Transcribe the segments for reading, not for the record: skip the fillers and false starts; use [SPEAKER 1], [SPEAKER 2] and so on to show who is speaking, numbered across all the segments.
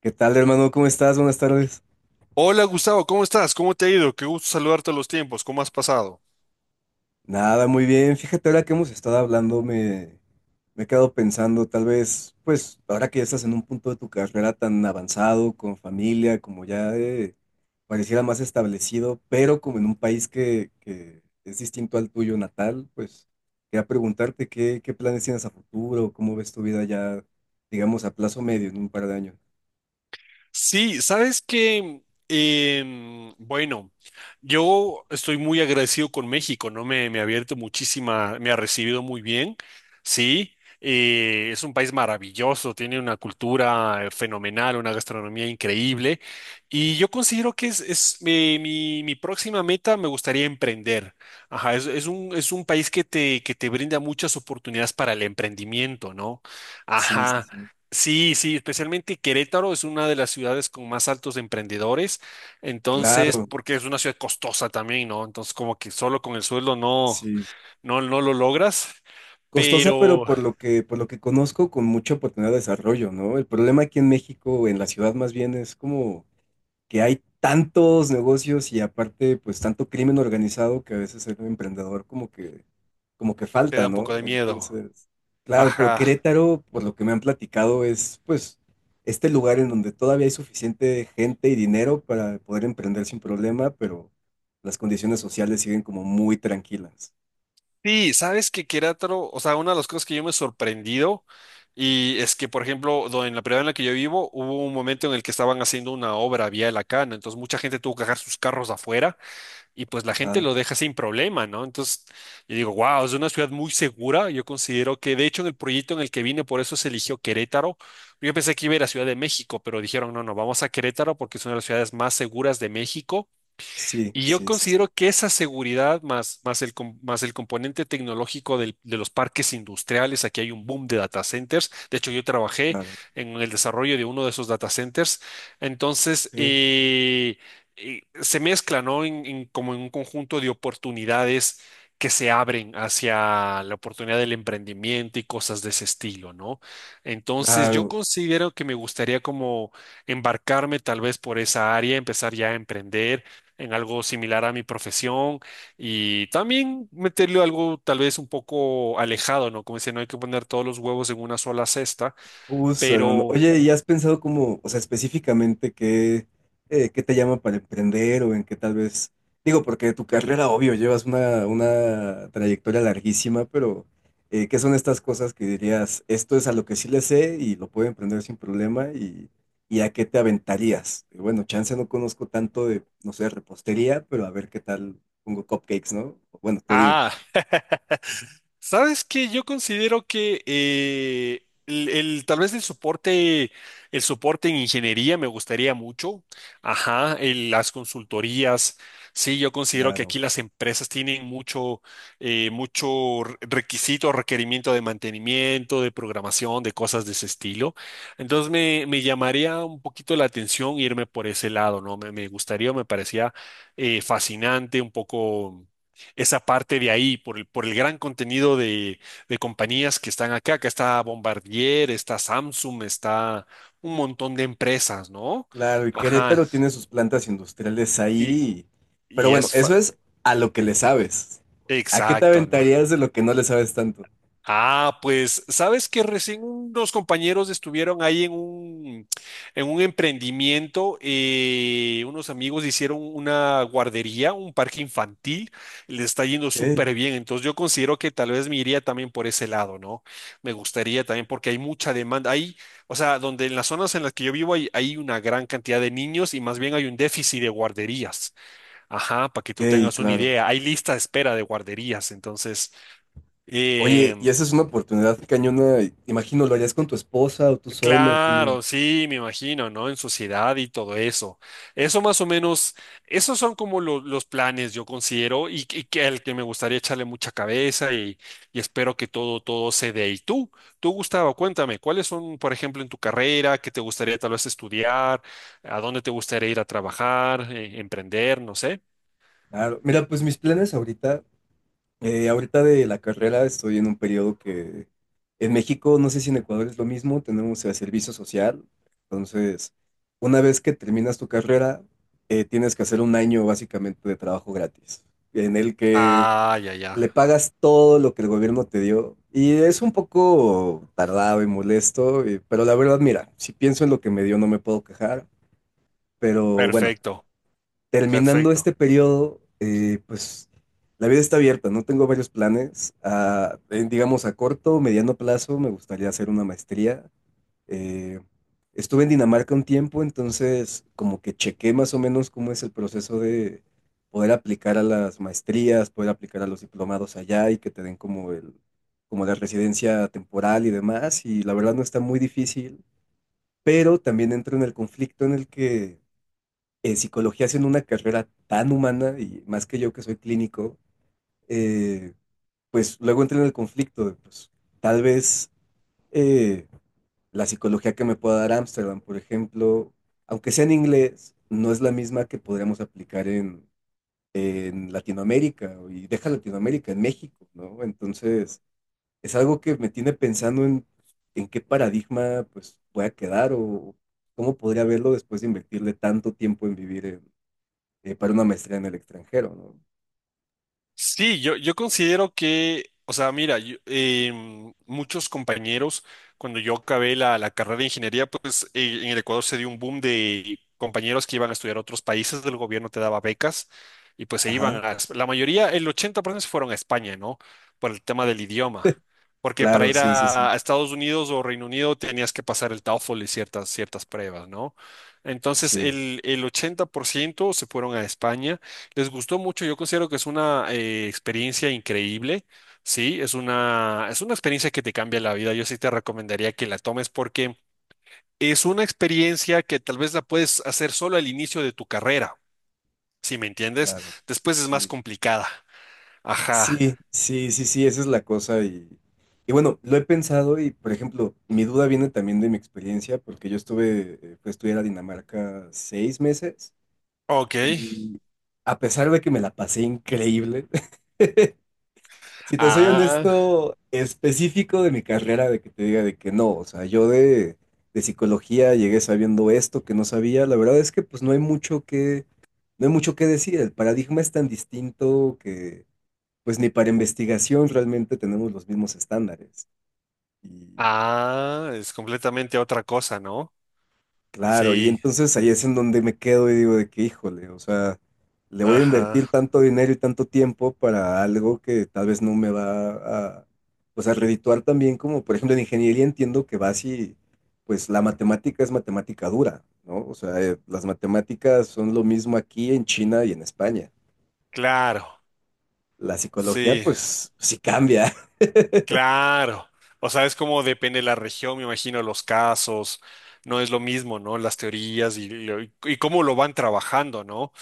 [SPEAKER 1] ¿Qué tal, hermano? ¿Cómo estás? Buenas tardes.
[SPEAKER 2] Hola Gustavo, ¿cómo estás? ¿Cómo te ha ido? Qué gusto saludarte a los tiempos. ¿Cómo has pasado?
[SPEAKER 1] Nada, muy bien. Fíjate, ahora que hemos estado hablando, me he quedado pensando, tal vez, pues, ahora que ya estás en un punto de tu carrera tan avanzado, con familia, como ya pareciera más establecido, pero como en un país que es distinto al tuyo natal, pues, quería preguntarte qué planes tienes a futuro, cómo ves tu vida ya, digamos, a plazo medio, en un par de años.
[SPEAKER 2] Sí, sabes que, bueno, yo estoy muy agradecido con México, ¿no? Me ha abierto muchísima, me ha recibido muy bien, sí. Es un país maravilloso, tiene una cultura fenomenal, una gastronomía increíble. Y yo considero que mi próxima meta, me gustaría emprender. Ajá, es un país que te brinda muchas oportunidades para el emprendimiento, ¿no?
[SPEAKER 1] Sí, sí,
[SPEAKER 2] Ajá.
[SPEAKER 1] sí.
[SPEAKER 2] Sí, sí, especialmente Querétaro es una de las ciudades con más altos emprendedores, entonces,
[SPEAKER 1] Claro,
[SPEAKER 2] porque es una ciudad costosa también, ¿no? Entonces, como que solo con el sueldo no,
[SPEAKER 1] sí.
[SPEAKER 2] no lo logras,
[SPEAKER 1] Costosa, pero
[SPEAKER 2] pero
[SPEAKER 1] por lo por lo que conozco, con mucha oportunidad de desarrollo, ¿no? El problema aquí en México, en la ciudad más bien, es como que hay tantos negocios y aparte, pues tanto crimen organizado que a veces el emprendedor como como que
[SPEAKER 2] te
[SPEAKER 1] falta,
[SPEAKER 2] da un
[SPEAKER 1] ¿no?
[SPEAKER 2] poco de miedo.
[SPEAKER 1] Entonces, claro, pero
[SPEAKER 2] Ajá.
[SPEAKER 1] Querétaro, por lo que me han platicado, es pues este lugar en donde todavía hay suficiente gente y dinero para poder emprender sin problema, pero las condiciones sociales siguen como muy tranquilas.
[SPEAKER 2] Sí, sabes que Querétaro, o sea, una de las cosas que yo me he sorprendido y es que, por ejemplo, en la ciudad en la que yo vivo, hubo un momento en el que estaban haciendo una obra vial acá, ¿no? Entonces, mucha gente tuvo que dejar sus carros afuera y pues la gente
[SPEAKER 1] Ajá.
[SPEAKER 2] lo deja sin problema, ¿no? Entonces, yo digo, wow, es una ciudad muy segura. Yo considero que, de hecho, en el proyecto en el que vine, por eso se eligió Querétaro. Yo pensé que iba a ir a Ciudad de México, pero dijeron, no, no, vamos a Querétaro porque es una de las ciudades más seguras de México
[SPEAKER 1] Sí,
[SPEAKER 2] y yo
[SPEAKER 1] sí, sí, sí,
[SPEAKER 2] considero que esa seguridad más el componente tecnológico de los parques industriales, aquí hay un boom de data centers. De hecho, yo trabajé
[SPEAKER 1] claro.
[SPEAKER 2] en el desarrollo de uno de esos data centers. Entonces,
[SPEAKER 1] Sí,
[SPEAKER 2] se mezcla, ¿no? Como en un conjunto de oportunidades que se abren hacia la oportunidad del emprendimiento y cosas de ese estilo, ¿no? Entonces, yo
[SPEAKER 1] claro,
[SPEAKER 2] considero que me gustaría como embarcarme tal vez por esa área, empezar ya a emprender en algo similar a mi profesión y también meterle algo tal vez un poco alejado, ¿no? Como dice, no hay que poner todos los huevos en una sola cesta,
[SPEAKER 1] justo, hermano.
[SPEAKER 2] pero,
[SPEAKER 1] Oye, ¿y has pensado cómo, o sea, específicamente qué te llama para emprender o en qué tal vez, digo, porque de tu carrera, obvio, llevas una trayectoria larguísima, pero ¿qué son estas cosas que dirías, esto es a lo que sí le sé y lo puedo emprender sin problema y a qué te aventarías? Y bueno, chance no conozco tanto de, no sé, repostería, pero a ver qué tal pongo cupcakes, ¿no? Bueno, tú dime.
[SPEAKER 2] ah, sabes que yo considero que tal vez el soporte en ingeniería me gustaría mucho. Ajá, las consultorías. Sí, yo considero que
[SPEAKER 1] Claro.
[SPEAKER 2] aquí las empresas tienen mucho requisito, requerimiento de mantenimiento, de programación, de cosas de ese estilo. Entonces me llamaría un poquito la atención irme por ese lado, ¿no? Me gustaría, me parecía fascinante, un poco esa parte de ahí, por el gran contenido de compañías que están acá. Acá está Bombardier, está Samsung, está un montón de empresas, ¿no?
[SPEAKER 1] Claro, y
[SPEAKER 2] Ajá.
[SPEAKER 1] Querétaro tiene sus plantas industriales
[SPEAKER 2] Y,
[SPEAKER 1] ahí. Pero
[SPEAKER 2] y
[SPEAKER 1] bueno,
[SPEAKER 2] es fa-
[SPEAKER 1] eso es a lo que le sabes. ¿A qué te
[SPEAKER 2] exacto, ¿no?
[SPEAKER 1] aventarías de lo que no le sabes tanto?
[SPEAKER 2] Ah, pues, sabes que recién unos compañeros estuvieron ahí en un emprendimiento, unos amigos hicieron una guardería, un parque infantil, le está yendo
[SPEAKER 1] Ok,
[SPEAKER 2] súper bien, entonces yo considero que tal vez me iría también por ese lado, ¿no? Me gustaría también porque hay mucha demanda, hay, o sea, donde en las zonas en las que yo vivo hay una gran cantidad de niños y más bien hay un déficit de guarderías, ajá, para que tú
[SPEAKER 1] ok,
[SPEAKER 2] tengas una
[SPEAKER 1] claro.
[SPEAKER 2] idea, hay lista de espera de guarderías, entonces...
[SPEAKER 1] Oye, y
[SPEAKER 2] em,
[SPEAKER 1] esa es una oportunidad cañona. Imagino, ¿lo harías con tu esposa o tú solo? Como
[SPEAKER 2] Claro, sí, me imagino, ¿no? En sociedad y todo eso. Eso más o menos, esos son como los planes, yo considero, y que al que me gustaría echarle mucha cabeza y espero que todo, todo se dé. Y tú, Gustavo, cuéntame, ¿cuáles son, por ejemplo, en tu carrera, qué te gustaría tal vez estudiar, a dónde te gustaría ir a trabajar, emprender, no sé?
[SPEAKER 1] claro. Mira, pues mis planes ahorita, ahorita de la carrera estoy en un periodo que en México, no sé si en Ecuador es lo mismo, tenemos el servicio social. Entonces, una vez que terminas tu carrera, tienes que hacer un año básicamente de trabajo gratis, en el que
[SPEAKER 2] Ah, ya,
[SPEAKER 1] le
[SPEAKER 2] ya.
[SPEAKER 1] pagas todo lo que el gobierno te dio. Y es un poco tardado y molesto, y pero la verdad, mira, si pienso en lo que me dio, no me puedo quejar. Pero bueno,
[SPEAKER 2] Perfecto,
[SPEAKER 1] terminando
[SPEAKER 2] perfecto.
[SPEAKER 1] este periodo, pues la vida está abierta, no tengo varios planes. A, en, digamos, a corto o mediano plazo me gustaría hacer una maestría. Eh, estuve en Dinamarca un tiempo, entonces como que chequé más o menos cómo es el proceso de poder aplicar a las maestrías, poder aplicar a los diplomados allá y que te den como como la residencia temporal y demás. Y la verdad no está muy difícil, pero también entro en el conflicto en el que en psicología haciendo una carrera tan humana y más que yo que soy clínico, eh, pues luego entré en el conflicto de, pues, tal vez eh, la psicología que me pueda dar Ámsterdam, por ejemplo, aunque sea en inglés, no es la misma que podríamos aplicar en Latinoamérica y deja Latinoamérica, en México, ¿no? Entonces, es algo que me tiene pensando en qué paradigma pues voy a quedar o cómo podría verlo después de invertirle tanto tiempo en vivir en para una maestría en el extranjero, ¿no?
[SPEAKER 2] Sí, yo considero que, o sea, mira, muchos compañeros, cuando yo acabé la carrera de ingeniería, pues en el Ecuador se dio un boom de compañeros que iban a estudiar a otros países, el gobierno te daba becas y pues se
[SPEAKER 1] Ajá,
[SPEAKER 2] iban a, la mayoría, el 80% se fueron a España, ¿no? Por el tema del idioma, porque para
[SPEAKER 1] claro,
[SPEAKER 2] ir
[SPEAKER 1] sí, sí, sí,
[SPEAKER 2] a Estados Unidos o Reino Unido tenías que pasar el TOEFL y ciertas pruebas, ¿no? Entonces,
[SPEAKER 1] sí,
[SPEAKER 2] el 80% se fueron a España. Les gustó mucho, yo considero que es una experiencia increíble, sí, es una experiencia que te cambia la vida, yo sí te recomendaría que la tomes porque es una experiencia que tal vez la puedes hacer solo al inicio de tu carrera, si me entiendes,
[SPEAKER 1] claro,
[SPEAKER 2] después es más
[SPEAKER 1] sí.
[SPEAKER 2] complicada, ajá,
[SPEAKER 1] Sí, sí, sí, sí, esa es la cosa y bueno, lo he pensado y, por ejemplo, mi duda viene también de mi experiencia porque yo estuve, fui a estudiar a Dinamarca 6 meses
[SPEAKER 2] ok,
[SPEAKER 1] y a pesar de que me la pasé increíble, si te soy
[SPEAKER 2] ah,
[SPEAKER 1] honesto, específico de mi carrera, de que te diga de que no, o sea, yo de psicología llegué sabiendo esto que no sabía, la verdad es que pues no hay mucho que, no hay mucho que decir, el paradigma es tan distinto que pues ni para investigación realmente tenemos los mismos estándares. Y
[SPEAKER 2] ah, es completamente otra cosa, ¿no?
[SPEAKER 1] claro, y
[SPEAKER 2] Sí,
[SPEAKER 1] entonces ahí es en donde me quedo y digo de que, híjole, o sea, le voy a
[SPEAKER 2] ajá,
[SPEAKER 1] invertir tanto dinero y tanto tiempo para algo que tal vez no me va a, pues a redituar también como, por ejemplo, en ingeniería entiendo que vas y, pues la matemática es matemática dura, ¿no? O sea, las matemáticas son lo mismo aquí en China y en España.
[SPEAKER 2] claro,
[SPEAKER 1] La psicología,
[SPEAKER 2] sí.
[SPEAKER 1] pues, sí cambia.
[SPEAKER 2] Claro, o sea, es como depende de la región, me imagino, los casos, no es lo mismo, ¿no? Las teorías y cómo lo van trabajando, ¿no?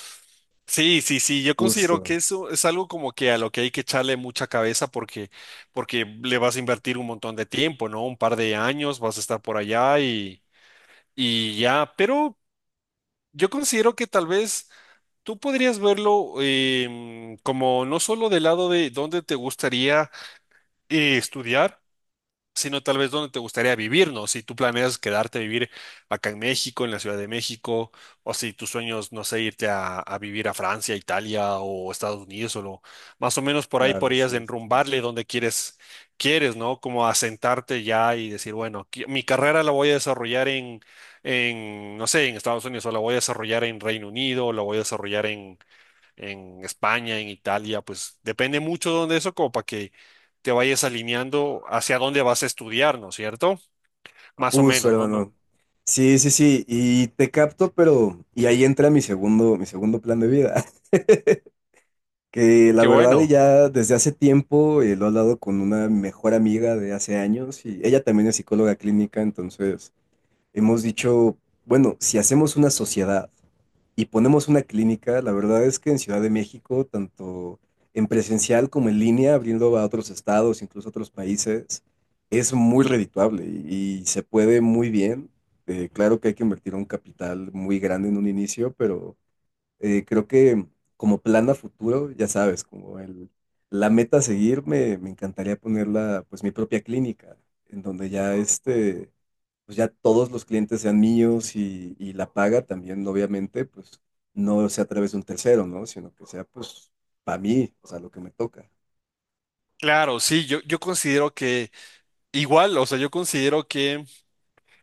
[SPEAKER 2] Sí, sí, sí, yo considero que
[SPEAKER 1] Justo,
[SPEAKER 2] eso es algo como que a lo que hay que echarle mucha cabeza porque le vas a invertir un montón de tiempo, ¿no? Un par de años vas a estar por allá y ya, pero yo considero que tal vez tú podrías verlo como no solo del lado de dónde te gustaría estudiar, sino tal vez dónde te gustaría vivir, ¿no? Si tú planeas quedarte a vivir acá en México, en la Ciudad de México, o si tus sueños, no sé, irte a vivir a Francia, Italia o Estados Unidos, más o menos por ahí
[SPEAKER 1] claro,
[SPEAKER 2] podrías
[SPEAKER 1] sí. Sí.
[SPEAKER 2] enrumbarle donde quieres, ¿no? Como asentarte ya y decir, bueno, mi carrera la voy a desarrollar en, no sé, en Estados Unidos, o la voy a desarrollar en Reino Unido, o la voy a desarrollar en España, en Italia, pues depende mucho de dónde eso, como para que te vayas alineando hacia dónde vas a estudiar, ¿no es cierto? Más o
[SPEAKER 1] Justo
[SPEAKER 2] menos, ¿no? No.
[SPEAKER 1] hermano. Sí, sí, sí, y te capto, pero y ahí entra mi segundo plan de vida, que la
[SPEAKER 2] Qué
[SPEAKER 1] verdad y
[SPEAKER 2] bueno.
[SPEAKER 1] ya desde hace tiempo lo he hablado con una mejor amiga de hace años y ella también es psicóloga clínica, entonces hemos dicho, bueno, si hacemos una sociedad y ponemos una clínica, la verdad es que en Ciudad de México, tanto en presencial como en línea, abriendo a otros estados, incluso a otros países, es muy redituable y se puede muy bien. Claro que hay que invertir un capital muy grande en un inicio, pero creo que como plan a futuro, ya sabes, como la meta a seguir, me encantaría ponerla, pues mi propia clínica, en donde ya este pues ya todos los clientes sean míos y la paga también, obviamente, pues no sea a través de un tercero, ¿no? Sino que sea pues para mí, o sea, lo que me toca.
[SPEAKER 2] Claro, sí, yo considero que igual, o sea, yo considero que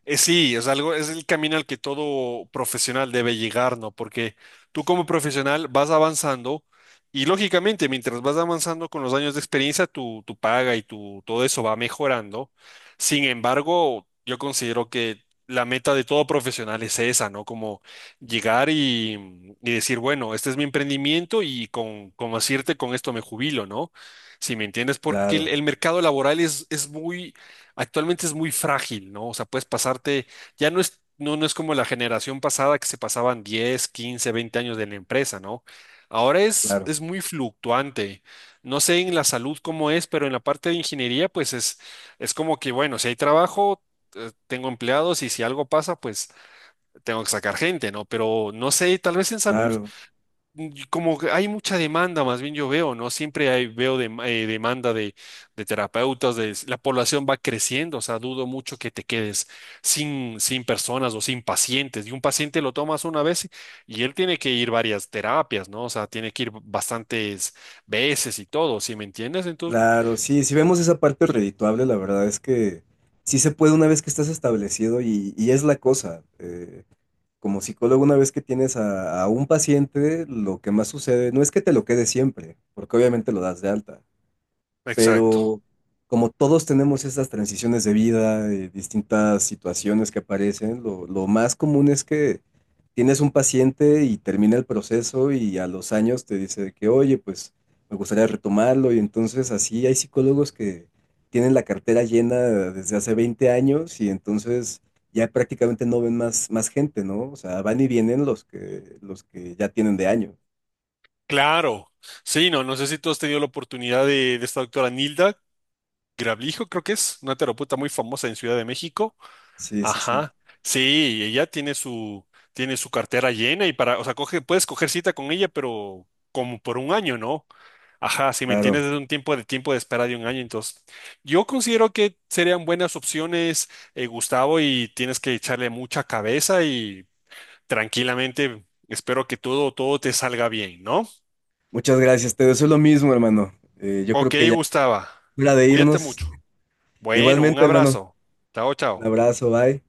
[SPEAKER 2] Sí, es algo, es el camino al que todo profesional debe llegar, ¿no? Porque tú como profesional vas avanzando y lógicamente mientras vas avanzando con los años de experiencia, tu paga y todo eso va mejorando. Sin embargo, yo considero que la meta de todo profesional es esa, ¿no? Como llegar y decir, bueno, este es mi emprendimiento y con decirte con esto me jubilo, ¿no? Si me entiendes, porque el,
[SPEAKER 1] Claro,
[SPEAKER 2] el mercado laboral es muy actualmente es muy frágil, ¿no? O sea, puedes pasarte, ya no es, no es como la generación pasada que se pasaban 10, 15, 20 años de la empresa, ¿no? Ahora es,
[SPEAKER 1] claro,
[SPEAKER 2] es muy fluctuante. No sé en la salud cómo es, pero en la parte de ingeniería, pues es como que, bueno, si hay trabajo, tengo empleados y si algo pasa, pues tengo que sacar gente, ¿no? Pero no sé, tal vez en salud
[SPEAKER 1] claro,
[SPEAKER 2] y como que hay mucha demanda, más bien yo veo, ¿no? Siempre hay, veo demanda de terapeutas, la población va creciendo, o sea, dudo mucho que te quedes sin personas o sin pacientes. Y un paciente lo tomas una vez y él tiene que ir varias terapias, ¿no? O sea, tiene que ir bastantes veces y todo, ¿sí me entiendes? Entonces,
[SPEAKER 1] claro. Sí, si vemos esa parte redituable, la verdad es que sí se puede una vez que estás establecido y es la cosa. Como psicólogo, una vez que tienes a un paciente, lo que más sucede no es que te lo quede siempre, porque obviamente lo das de alta,
[SPEAKER 2] exacto.
[SPEAKER 1] pero como todos tenemos esas transiciones de vida, distintas situaciones que aparecen, lo más común es que tienes un paciente y termina el proceso y a los años te dice que, oye, pues me gustaría retomarlo y entonces así hay psicólogos que tienen la cartera llena desde hace 20 años y entonces ya prácticamente no ven más, más gente, ¿no? O sea, van y vienen los que ya tienen de año.
[SPEAKER 2] Claro. Sí, no, no sé si tú has tenido la oportunidad de esta doctora Nilda Grablijo, creo que es una terapeuta muy famosa en Ciudad de México.
[SPEAKER 1] Sí, sí, sí,
[SPEAKER 2] Ajá. Sí, ella tiene su cartera llena y o sea, puedes coger cita con ella, pero como por un año, ¿no? Ajá, si me
[SPEAKER 1] claro.
[SPEAKER 2] entiendes, es un tiempo de espera de un año. Entonces, yo considero que serían buenas opciones, Gustavo, y tienes que echarle mucha cabeza y tranquilamente espero que todo, todo te salga bien, ¿no?
[SPEAKER 1] Muchas gracias, te deseo lo mismo, hermano. Yo creo
[SPEAKER 2] Ok,
[SPEAKER 1] que ya es
[SPEAKER 2] Gustavo,
[SPEAKER 1] hora de
[SPEAKER 2] cuídate
[SPEAKER 1] irnos.
[SPEAKER 2] mucho. Bueno, un
[SPEAKER 1] Igualmente, hermano,
[SPEAKER 2] abrazo. Chao,
[SPEAKER 1] un
[SPEAKER 2] chao.
[SPEAKER 1] abrazo, bye.